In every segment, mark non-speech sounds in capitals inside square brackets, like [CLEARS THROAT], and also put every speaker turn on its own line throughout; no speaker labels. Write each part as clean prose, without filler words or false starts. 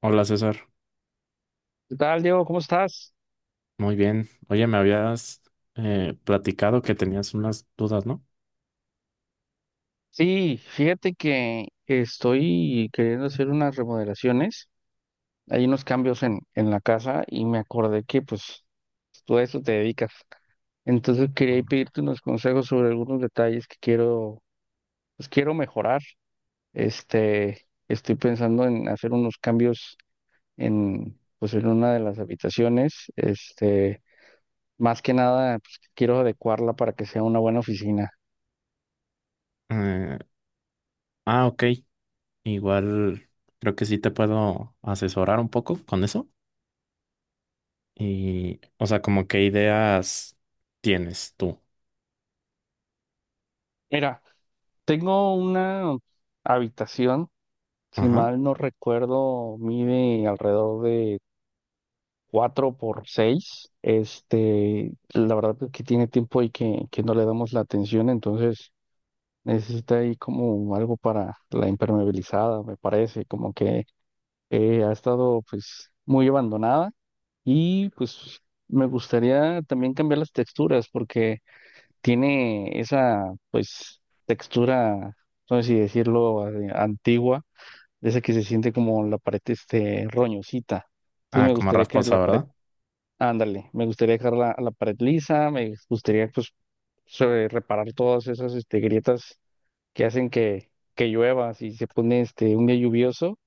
Hola César,
¿Qué tal, Diego? ¿Cómo estás?
muy bien. Oye, me habías platicado que tenías unas dudas, ¿no?
Sí, fíjate que estoy queriendo hacer unas remodelaciones. Hay unos cambios en la casa y me acordé que pues tú a eso te dedicas. Entonces quería pedirte unos consejos sobre algunos detalles que quiero, pues quiero mejorar. Estoy pensando en hacer unos cambios en, pues en una de las habitaciones. Este, más que nada, pues quiero adecuarla para que sea una buena oficina.
Eh, ok. Igual creo que sí te puedo asesorar un poco con eso. Y, o sea, como qué ideas tienes tú.
Mira. Tengo una habitación, si
Ajá.
mal no recuerdo, mide alrededor de 4 por 6. Este, la verdad es que tiene tiempo y que no le damos la atención, entonces necesita ahí como algo para la impermeabilizada, me parece, como que ha estado pues muy abandonada y pues me gustaría también cambiar las texturas porque tiene esa pues textura, no sé si decirlo, antigua, de esa que se siente como la pared este roñosita. Entonces
Ah,
me
como
gustaría que
rasposa,
la pared,
¿verdad?
ándale, me gustaría dejar la pared lisa, me gustaría pues reparar todas esas este, grietas que hacen que llueva si se pone este un día lluvioso.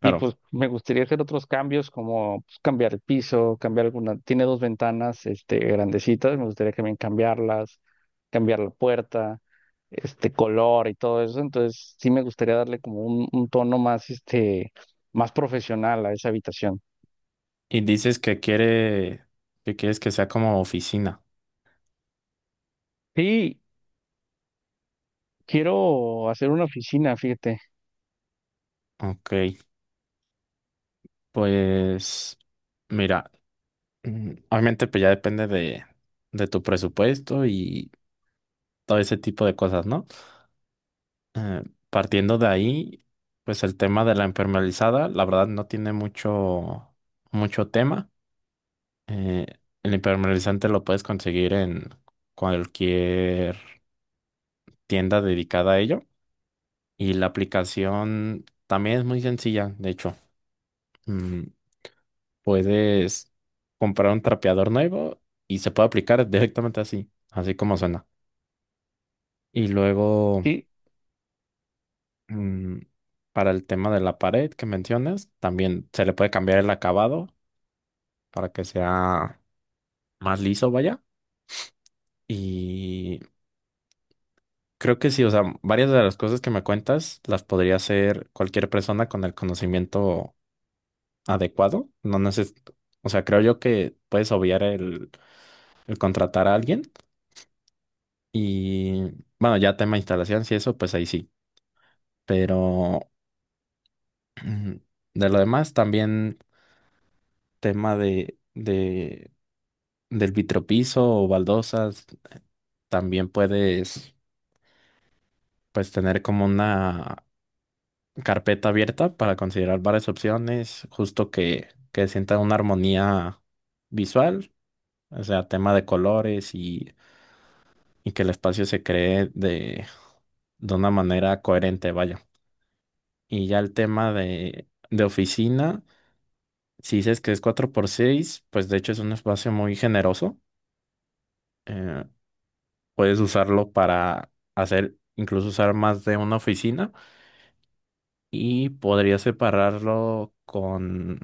Y pues me gustaría hacer otros cambios como pues, cambiar el piso, cambiar alguna, tiene dos ventanas este grandecitas, me gustaría también cambiarlas, cambiar la puerta, este color y todo eso. Entonces sí me gustaría darle como un tono más, este, más profesional a esa habitación.
Y que quieres que sea como oficina.
Sí, quiero hacer una oficina, fíjate.
Ok, pues mira, obviamente pues ya depende de tu presupuesto y todo ese tipo de cosas, ¿no? Eh, Partiendo de ahí, pues el tema de la impermeabilizada, la verdad no tiene mucho tema. Eh, el impermeabilizante lo puedes conseguir en cualquier tienda dedicada a ello. Y la aplicación también es muy sencilla, de hecho. Mm, Puedes comprar un trapeador nuevo y se puede aplicar directamente así, así como suena. Y luego...
Sí,
Mm, Para el tema de la pared que mencionas, también se le puede cambiar el acabado para que sea más liso, vaya. Y creo que sí, o sea, varias de las cosas que me cuentas las podría hacer cualquier persona con el conocimiento adecuado. No neces- O sea, creo yo que puedes obviar el contratar a alguien. Y bueno, ya tema instalación, si eso, pues ahí sí. Pero [CLEARS THROAT] de lo demás, también tema de del vitropiso o baldosas, también puedes pues tener como una carpeta abierta para considerar varias opciones, justo que sienta una armonía visual, o sea, tema de colores y que el espacio se cree de una manera coherente, vaya. Y ya el tema de oficina, si dices que es 4 por 6 pues de hecho es un espacio muy generoso. eh, Puedes usarlo para hacer, incluso usar más de una oficina. Y podría separarlo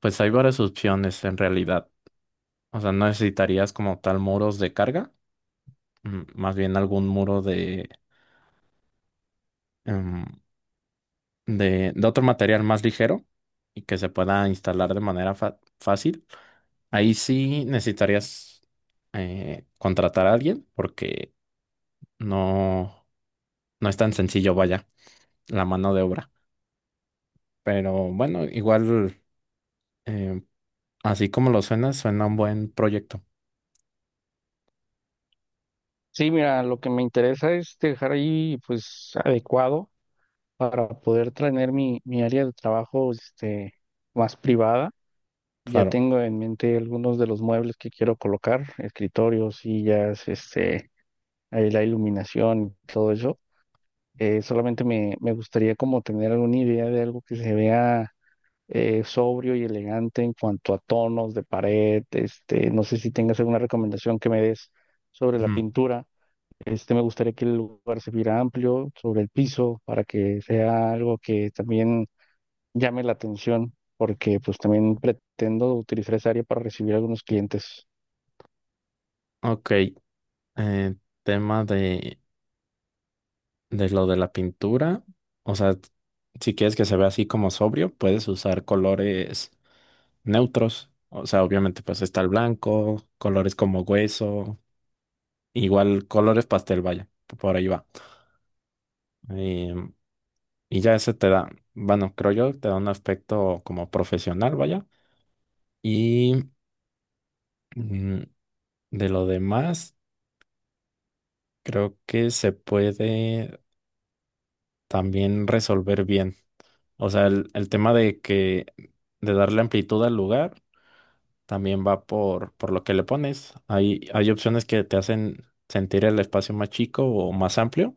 pues hay varias opciones en realidad. O sea, no necesitarías como tal muros de carga, más bien algún muro de, em, de otro material más ligero y que se pueda instalar de manera fácil. Ahí sí necesitarías contratar a alguien porque no, no es tan sencillo, vaya, la mano de obra. Pero bueno, igual, em, así como lo suena, suena un buen proyecto.
sí, mira, lo que me interesa es dejar ahí pues adecuado para poder tener mi área de trabajo este, más privada. Ya
Claro.
tengo en mente algunos de los muebles que quiero colocar, escritorios, sillas, este, ahí la iluminación, todo eso. Solamente me gustaría como tener alguna idea de algo que se vea sobrio y elegante en cuanto a tonos de pared. Este, no sé si tengas alguna recomendación que me des sobre la
Ujú.
pintura. Este, me gustaría que el lugar se viera amplio sobre el piso para que sea algo que también llame la atención, porque pues también pretendo utilizar esa área para recibir algunos clientes.
Ok, eh, tema de lo de la pintura. O sea, si quieres que se vea así como sobrio, puedes usar colores neutros. O sea, obviamente pues está el blanco, colores como hueso, igual colores pastel, vaya, por ahí va. Em, y ya ese bueno, creo yo, te da un aspecto como profesional, vaya. Y mm, de lo demás, creo que se puede también resolver bien. O sea, el tema de que de darle amplitud al lugar también va por lo que le pones. Hay opciones que te hacen sentir el espacio más chico o más amplio.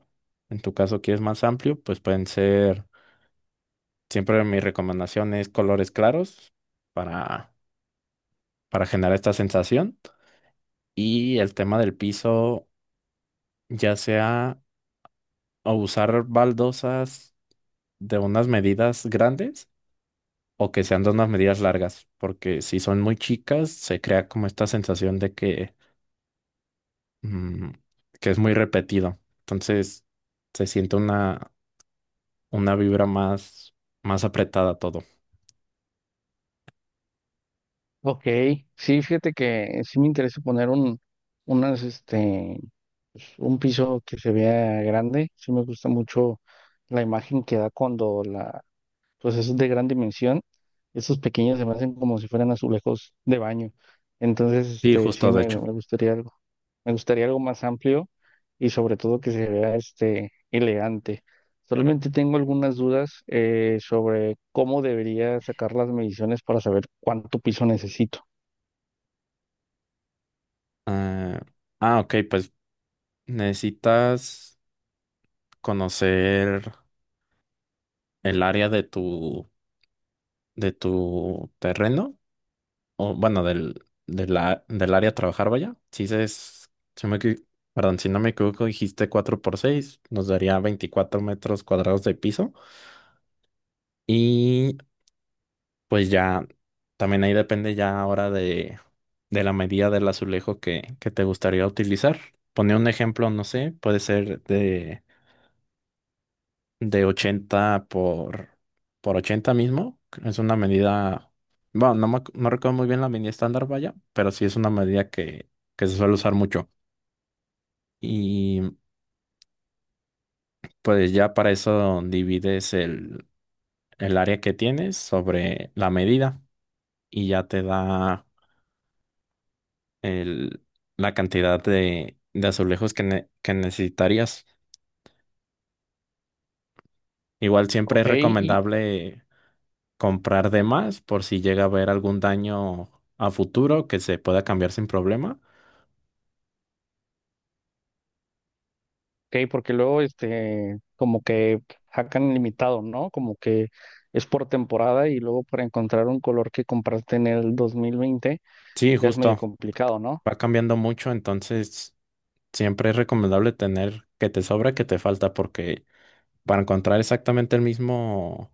En tu caso, quieres más amplio, pues pueden ser, siempre mi recomendación es colores claros para, para generar esta sensación. Y el tema del piso, ya sea o usar baldosas de unas medidas grandes o que sean de unas medidas largas, porque si son muy chicas, se crea como esta sensación de que, mm, que es muy repetido. Entonces, se siente una vibra más, más apretada todo.
Ok, sí, fíjate que sí me interesa poner un, unas, este, pues, un piso que se vea grande. Sí me gusta mucho la imagen que da cuando la, pues eso es de gran dimensión. Esos pequeños se me hacen como si fueran azulejos de baño. Entonces,
Sí,
este,
justo,
sí
de hecho.
me gustaría algo más amplio y sobre todo que se vea, este, elegante. Solamente tengo algunas dudas sobre cómo debería sacar las mediciones para saber cuánto piso necesito.
ah, ok, pues necesitas conocer el área de tu terreno. O bueno, del, del área a trabajar, vaya. Si se es, si me, equi- Perdón, si no me equivoco, dijiste 4 por 6 nos daría 24 metros cuadrados de piso. Y pues ya, también ahí depende ya ahora de la medida del azulejo que te gustaría utilizar. Pone un ejemplo, no sé, puede ser de 80 por 80 mismo. Es una medida, bueno, no, no recuerdo muy bien la medida estándar, vaya, pero sí es una medida que se suele usar mucho. Y pues ya para eso divides el área que tienes sobre la medida y ya te da el, la cantidad de azulejos que, que necesitarías. Igual siempre
Ok,
es
y
recomendable comprar de más por si llega a haber algún daño a futuro que se pueda cambiar sin problema.
ok, porque luego este como que hacan limitado, ¿no? Como que es por temporada y luego para encontrar un color que compraste en el 2020,
Sí,
ya es medio
justo,
complicado, ¿no?
va cambiando mucho, entonces siempre es recomendable tener que te sobra, que te falta, porque para encontrar exactamente el mismo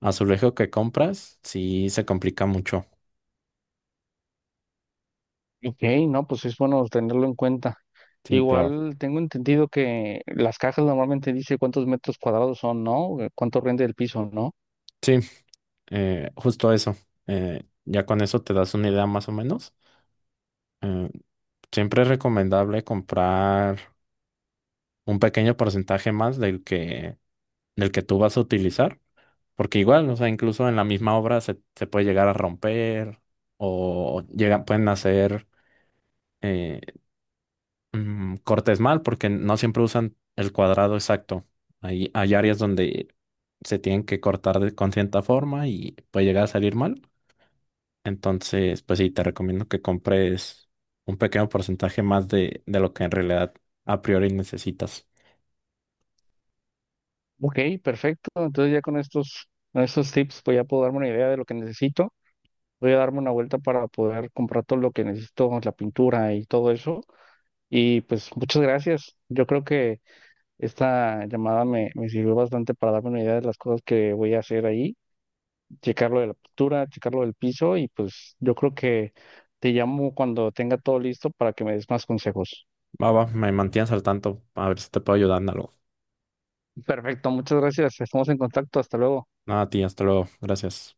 azulejo que compras, sí se complica mucho.
Ok, no, pues es bueno tenerlo en cuenta.
Sí, claro.
Igual tengo entendido que las cajas normalmente dice cuántos metros cuadrados son, ¿no? ¿Cuánto rinde el piso, ¿no?
Sí, justo eso. Ya con eso te das una idea más o menos. Eh, Siempre es recomendable comprar un pequeño porcentaje más del que tú vas a utilizar, porque igual, o sea, incluso en la misma obra se puede llegar a romper o llegan, pueden hacer eh, cortes mal porque no siempre usan el cuadrado exacto. Hay áreas donde se tienen que con cierta forma y puede llegar a salir mal. Entonces, pues sí, te recomiendo que compres un pequeño porcentaje más de lo que en realidad a priori necesitas.
Ok, perfecto. Entonces ya con estos tips pues ya puedo darme una idea de lo que necesito. Voy a darme una vuelta para poder comprar todo lo que necesito, la pintura y todo eso. Y pues muchas gracias. Yo creo que esta llamada me sirvió bastante para darme una idea de las cosas que voy a hacer ahí, checar lo de la pintura, checar lo del piso y pues yo creo que te llamo cuando tenga todo listo para que me des más consejos.
Va, va, me mantienes al tanto, a ver si te puedo ayudar en algo.
Perfecto, muchas gracias. Estamos en contacto. Hasta luego.
Nada, a ti, hasta luego. Gracias.